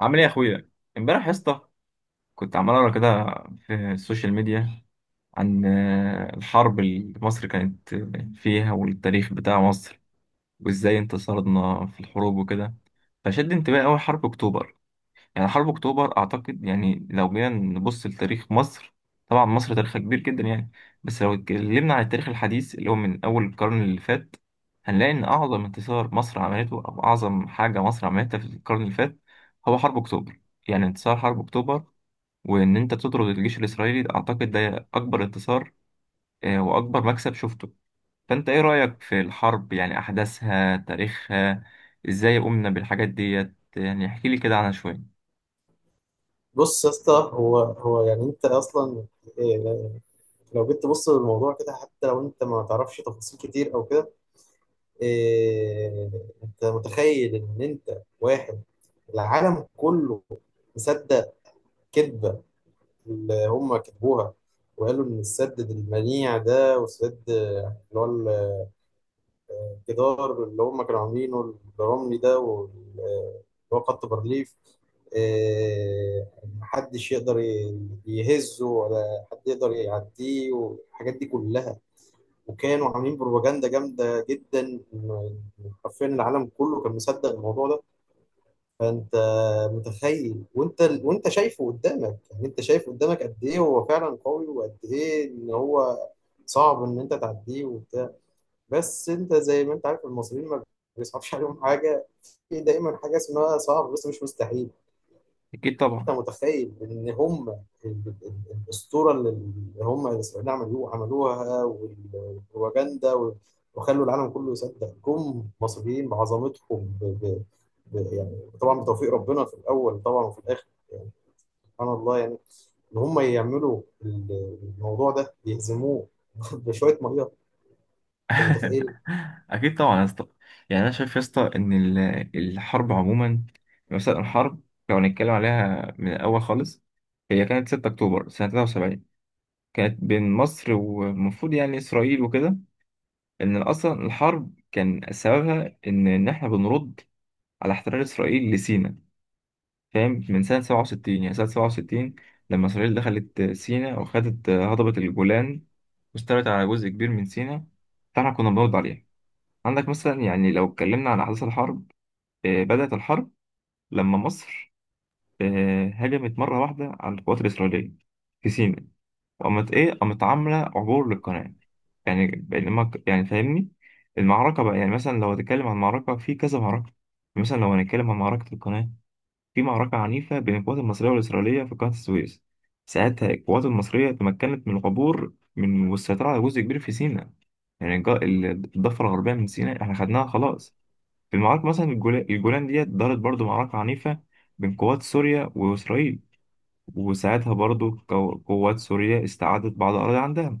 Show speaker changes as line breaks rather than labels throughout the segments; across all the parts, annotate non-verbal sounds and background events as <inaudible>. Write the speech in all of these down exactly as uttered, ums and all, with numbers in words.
عامل ايه يا اخويا؟ امبارح يا اسطى كنت عمال اقرا كده في السوشيال ميديا عن آه، الحرب اللي مصر كانت فيها والتاريخ بتاع مصر وازاي انتصرنا في الحروب وكده. فشد انتباهي اول حرب اكتوبر. يعني حرب أكتوبر أعتقد، يعني لو جينا نبص لتاريخ مصر، طبعا مصر تاريخها كبير جدا يعني، بس لو اتكلمنا عن التاريخ الحديث اللي هو من أول القرن اللي فات، هنلاقي إن أعظم انتصار مصر عملته أو أعظم حاجة مصر عملتها في القرن اللي فات هو حرب أكتوبر. يعني انتصار حرب أكتوبر وإن أنت تطرد الجيش الإسرائيلي ده، أعتقد ده أكبر انتصار آه، وأكبر مكسب شفته. فأنت إيه رأيك في الحرب، يعني أحداثها، تاريخها، إزاي قمنا بالحاجات ديت؟ يعني احكيلي كده عنها شوية.
بص يا اسطى. هو هو يعني انت اصلا إيه لو جيت تبص للموضوع كده، حتى لو انت ما تعرفش تفاصيل كتير او كده إيه انت متخيل ان انت واحد، العالم كله مصدق كذبة اللي هم كتبوها، وقالوا ان السد المنيع ده، والسد اللي هو الجدار اللي هم كانوا عاملينه الرملي ده، وال- آه، اللي هو خط برليف، آه، محدش يقدر ي- يهزه ولا حد يقدر يعديه، والحاجات دي كلها. وكانوا عاملين بروباجندا جامدة جدا إن- حرفيا العالم كله كان مصدق الموضوع ده. فانت متخيل، وانت وانت شايفه قدامك، يعني انت شايف قدامك قد ايه هو فعلا قوي، وقد ايه ان هو صعب ان انت تعديه وبتاع. بس انت زي ما انت عارف، المصريين ما بيصعبش عليهم حاجه، في دايما حاجه اسمها صعب بس مش مستحيل.
أكيد
انت
طبعا.
متخيل ان هم ال- ال- ال- الاسطوره اللي هم الاسرائيليين عملوها عملوها والبروباجندا، و- وخلوا العالم كله يصدق، جم مصريين بعظمتهم، ب... ب... ب... يعني طبعا بتوفيق ربنا في الاول طبعا وفي الاخر، يعني سبحان الله، يعني ان هم يعملوا ال- الموضوع ده، يهزموه <laughs> بشويه ميه. انت
<laughs>
متخيل؟
اكيد طبعا يا اسطى. يعني انا شايف يا اسطى ان ال- الحرب عموما، مثلا الحرب لو هنتكلم عليها من الاول خالص، هي كانت ستة اكتوبر سنه ثلاثة وسبعين، كانت بين مصر والمفروض يعني اسرائيل وكده. ان اصلا الحرب كان سببها ان ان احنا بنرد على احتلال اسرائيل لسيناء، فاهم؟ من سنه سبعة وستين، يعني سنه سبعة وستين لما اسرائيل دخلت سيناء وخدت هضبه الجولان واستولت على جزء كبير من سيناء، فاحنا كنا بنرد عليها. عندك مثلا يعني لو اتكلمنا عن أحداث الحرب، آه، بدأت الحرب لما مصر آه، هجمت مرة واحدة على القوات الإسرائيلية في سيناء، وقامت إيه، قامت عاملة عبور للقناة. يعني بينما ك- يعني فاهمني، المعركة بقى يعني مثلا لو هتتكلم عن معركة في كذا معركة، مثلا لو هنتكلم عن معركة القناة، في معركة عنيفة بين القوات المصرية والإسرائيلية في قناة السويس. ساعتها القوات المصرية تمكنت من العبور من والسيطرة على جزء كبير في سيناء. يعني الج- الضفة الغربية من سيناء احنا خدناها خلاص. في المعركة مثلا الجولا- الجولان ديت دارت برضو معركة عنيفة بين قوات سوريا وإسرائيل، وساعتها برضو قو- قوات سوريا استعادت بعض الأراضي عندها،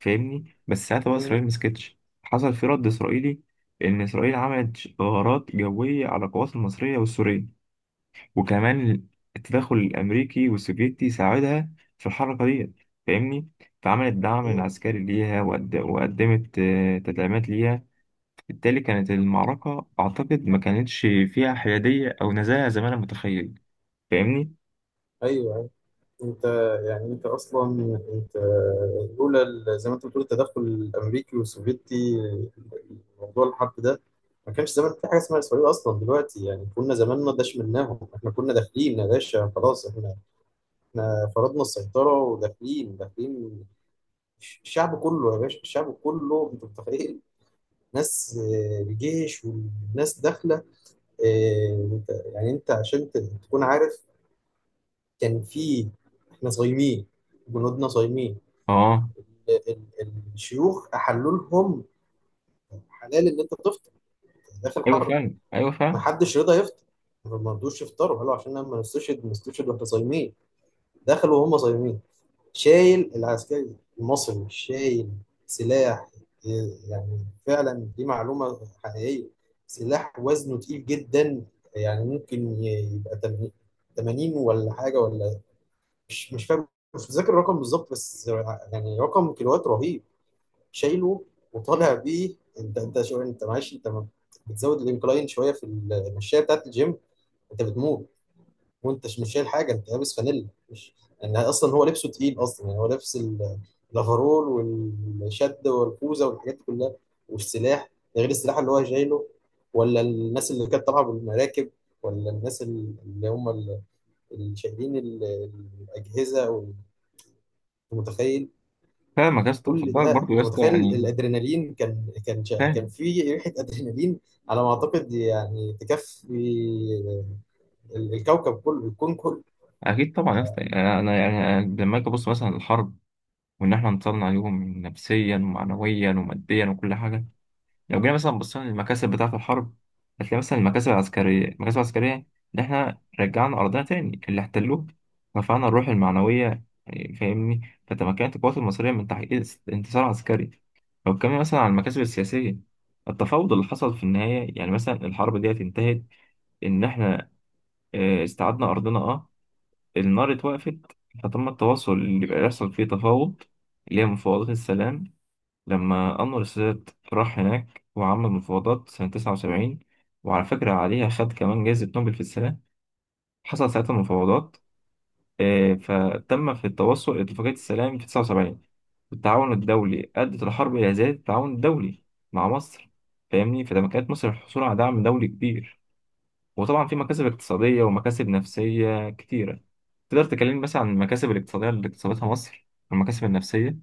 فاهمني؟ بس ساعتها بقى
مم.
إسرائيل مسكتش، حصل في رد إسرائيلي، إن إسرائيل عملت غارات جوية على القوات المصرية والسورية. وكمان التدخل الأمريكي والسوفيتي ساعدها في الحركة ديت، فاهمني؟ فعملت دعم
مم.
عسكري ليها وقد- وقدمت آه، تدعيمات ليها. بالتالي كانت المعركة أعتقد ما كانتش فيها حيادية أو نزاهة زي ما أنا متخيل، فاهمني؟
ايوه. انت يعني انت اصلا انت، لولا ال- زي ما انت بتقول التدخل الامريكي والسوفيتي، موضوع الحرب ده ما كانش. زمان في حاجه اسمها اسرائيل اصلا دلوقتي؟ يعني كنا زمان ما داش منهم، احنا كنا داخلين يا باشا، خلاص احنا، احنا فرضنا السيطره وداخلين داخلين. الشعب كله يا باشا، الشعب كله انت متخيل، ناس، آه، الجيش والناس داخله. آه، انت يعني انت عشان ت- تكون عارف، كان في، احنا صايمين، جنودنا صايمين.
آه.
ال- ال- الشيوخ احلوا لهم حلال ان انت تفطر داخل
أيوه
حرم،
فاهم، أيوه
ما
فاهم.
حدش رضى يفطر، ما مرضوش يفطروا، قالوا عشان انا ما نستشهد ما نستشهد واحنا صايمين، دخلوا وهم صايمين. شايل العسكري المصري، شايل سلاح، يعني فعلا دي معلومة حقيقية، سلاح وزنه تقيل جدا، يعني ممكن يبقى تمانين ولا حاجة ولا، مش مش فاهم، مش متذكر الرقم بالظبط، بس يعني رقم كيلوات رهيب شايله وطالع بيه. انت انت شو، انت معلش، انت ما بتزود الانكلاين شويه في المشايه بتاعت الجيم انت بتموت، وانت مش شايل حاجه، انت لابس فانيلا مش، يعني اصلا هو لبسه تقيل اصلا، يعني هو لابس ال- الافرول والشد والكوزه والحاجات دي كلها والسلاح، ده غير السلاح اللي هو شايله. ولا الناس اللي كانت طالعه بالمراكب، ولا الناس اللي هم اللي شايلين ال- الاجهزه والمتخيل.
فاهمك يا اسطى، خد
كل
بالك
ده
برضه يا
انت
اسطى
متخيل،
يعني.
الادرينالين كان كان شا- كان
فاهم.
في ريحه ادرينالين على ما اعتقد، يعني تكفي ال- الكوكب كله، الكون كله.
أكيد طبعا يا اسطى. يعني أنا أنا- يعني أنا لما أجي أبص مثلا للحرب وإن إحنا انتصرنا عليهم نفسيا ومعنويا وماديا وكل حاجة، لو جينا مثلا بصينا للمكاسب بتاعة الحرب، هتلاقي مثلا المكاسب العسكرية، المكاسب العسكرية إن إحنا رجعنا أرضنا تاني اللي احتلوه، رفعنا الروح المعنوية، يعني فاهمني؟ فتمكنت القوات المصرية من تحقيق اس- انتصار عسكري. لو اتكلمنا مثلا عن المكاسب السياسية، التفاوض اللي حصل في النهاية، يعني مثلا الحرب دي انتهت إن إحنا آه، استعدنا أرضنا أه، النار اتوقفت، فتم التواصل اللي بيحصل فيه تفاوض، اللي هي مفاوضات السلام. لما أنور السادات راح هناك وعمل مفاوضات سنة تسعة وسبعين، وعلى فكرة عليها خد كمان جائزة نوبل في السلام. حصل ساعتها مفاوضات، آه، فتم في التوصل لاتفاقية السلام في تسعة وسبعين. والتعاون الدولي، أدت الحرب إلى زيادة التعاون الدولي مع مصر، فاهمني؟ فده كانت مصر الحصول على دعم دولي كبير. وطبعا في مكاسب اقتصادية ومكاسب نفسية كتيرة. تقدر تكلمني مثلا عن المكاسب الاقتصادية اللي اكتسبتها مصر والمكاسب النفسية؟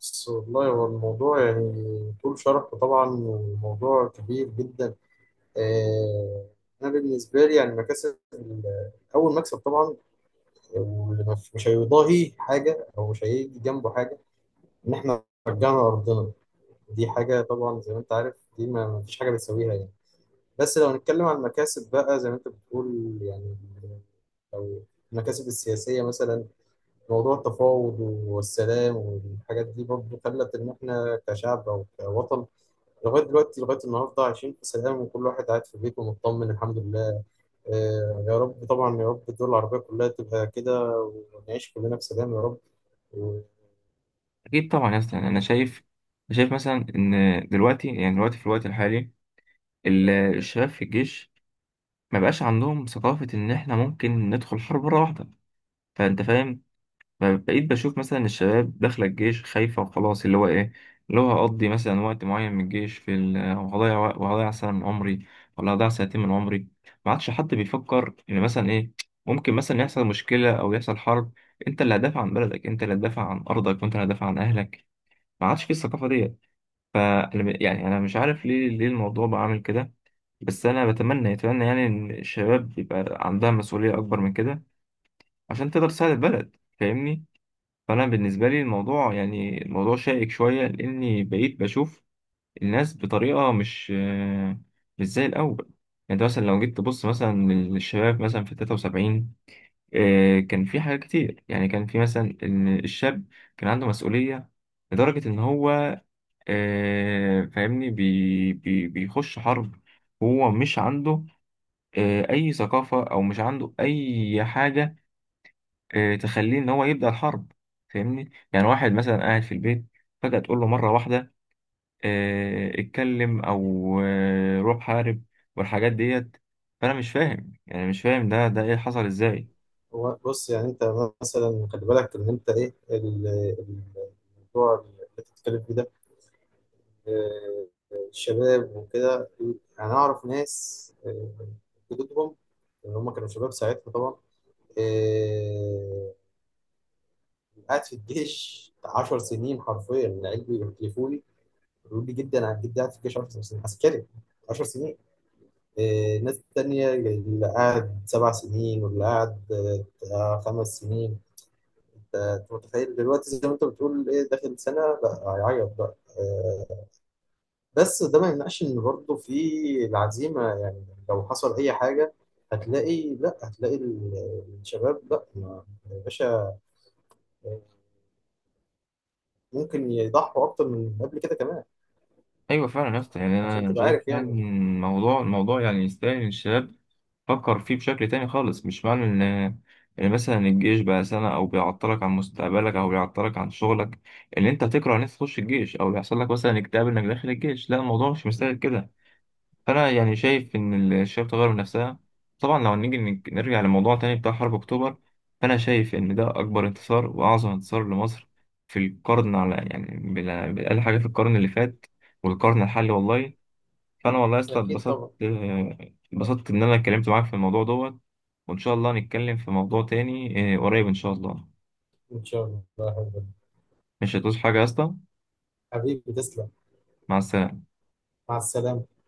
بص والله هو الموضوع يعني طول شرح طبعا، وموضوع كبير جدا. آه، انا بالنسبه لي يعني مكاسب ال- اول مكسب طبعا، واللي مش مش هيضاهي حاجه او مش هيجي جنبه حاجه، ان احنا رجعنا ارضنا، دي حاجه طبعا زي ما انت عارف دي ما ما فيش حاجه بتساويها يعني. بس لو نتكلم عن المكاسب بقى زي ما انت بتقول يعني، لو المكاسب السياسية مثلا، موضوع التفاوض والسلام والحاجات دي برضه خلت إن إحنا كشعب أو كوطن لغاية دلوقتي لغاية النهاردة عايشين في سلام، وكل واحد قاعد في بيته مطمن الحمد لله. آه يا رب طبعا، يا رب الدول العربية كلها تبقى كده ونعيش كلنا في سلام يا رب. و-
اكيد طبعا يا اسطى. يعني انا شايف، شايف مثلا ان دلوقتي، يعني دلوقتي في الوقت الحالي ال- الشباب في الجيش ما بقاش عندهم ثقافه ان احنا ممكن ندخل حرب مره واحده، فانت فاهم؟ ب- بقيت بشوف مثلا الشباب داخله الجيش خايفه وخلاص، اللي هو ايه، اللي هو هقضي مثلا وقت معين من الجيش في ال- وهضيع وق- وهضيع سنه من عمري ولا هضيع سنتين من عمري. ما عادش حد بيفكر ان مثلا ايه، ممكن مثلا يحصل مشكله او يحصل حرب. انت اللي هتدافع عن بلدك، انت اللي هتدافع عن ارضك، وانت اللي هتدافع عن اهلك. ما عادش في الثقافه دي. أنا ب- يعني أنا مش عارف ليه، ليه الموضوع بقى عامل كده. بس أنا بتمنى، أتمنى يعني إن الشباب يبقى عندها مسؤولية أكبر من كده عشان تقدر تساعد البلد، فاهمني؟ فأنا بالنسبة لي الموضوع، يعني الموضوع شائك شوية، لأني بقيت بشوف الناس بطريقة مش آه، مش زي الأول. يعني أنت مثلا لو جيت تبص مثلا للشباب مثلا في تلاتة وسبعين، آه، كان في حاجات كتير. يعني كان في مثلا إن الشاب كان عنده مسؤولية لدرجة إن هو آه، فاهمني بي بي بيخش حرب، هو مش عنده آه، أي ثقافة أو مش عنده أي حاجة آه، تخليه إن هو يبدأ الحرب. فاهمني؟ يعني واحد مثلا قاعد في البيت، فجأة تقول له مرة واحدة آه، اتكلم أو آه، روح حارب والحاجات ديت. فأنا مش فاهم، يعني مش فاهم ده، ده إيه حصل إزاي؟
وبص يعني أنت مثلا، خلي بالك إن أنت إيه ال- ال- الموضوع اللي بتتكلم فيه ده، آه، الشباب وكده. انا اعرف ناس آه، جدودهم ان هم كانوا شباب ساعتها طبعا، آه، قاعد في الجيش 10 سنين، حرفيا العيال بيحلفوا لي بيقولوا لي جدا عن جدي قاعد في الجيش 10 سنين عسكري، 10 سنين. آه، ناس تانية اللي قاعد سبع سنين، واللي قاعد آه، خمس سنين. انت أنت متخيل دلوقتي زي ما انت بتقول ايه داخل سنة لا هيعيط بقى؟ آه، بس ده ما يمنعش ان برضه في العزيمه، يعني لو حصل اي حاجه هتلاقي، لا هتلاقي ال- الشباب لا، ما- يا باشا ممكن يضحوا اكتر من قبل كده كمان،
أيوة فعلا يا اسطى. يعني
عشان
أنا
تبقى
شايف
عارف
فعلا
يعني.
الموضوع، الموضوع يعني يستاهل إن الشباب فكر فيه بشكل تاني خالص. مش معنى ان، ان مثلا الجيش بقى سنة او بيعطلك عن مستقبلك او بيعطلك عن شغلك ان انت تكره ان انت تخش الجيش، او بيحصل لك مثلا اكتئاب انك داخل الجيش، لا الموضوع مش مستاهل كده. فانا يعني شايف ان الشباب تغير من نفسها. طبعا لو نيجي نك- نرجع لموضوع تاني بتاع حرب اكتوبر، فانا شايف ان ده اكبر انتصار واعظم انتصار لمصر في القرن، على يعني بال- باقل حاجة في القرن اللي فات والقرن الحالي والله. فانا والله يا اسطى
اكيد
اتبسطت،
طبعا.
آه، اتبسطت ان انا اتكلمت معاك في الموضوع دوت. وان شاء الله نتكلم في موضوع تاني آه، قريب ان شاء الله.
ان شاء الله.
مش هتوصل حاجه يا اسطى.
حبيبي تسلم.
مع السلامه.
مع السلامه.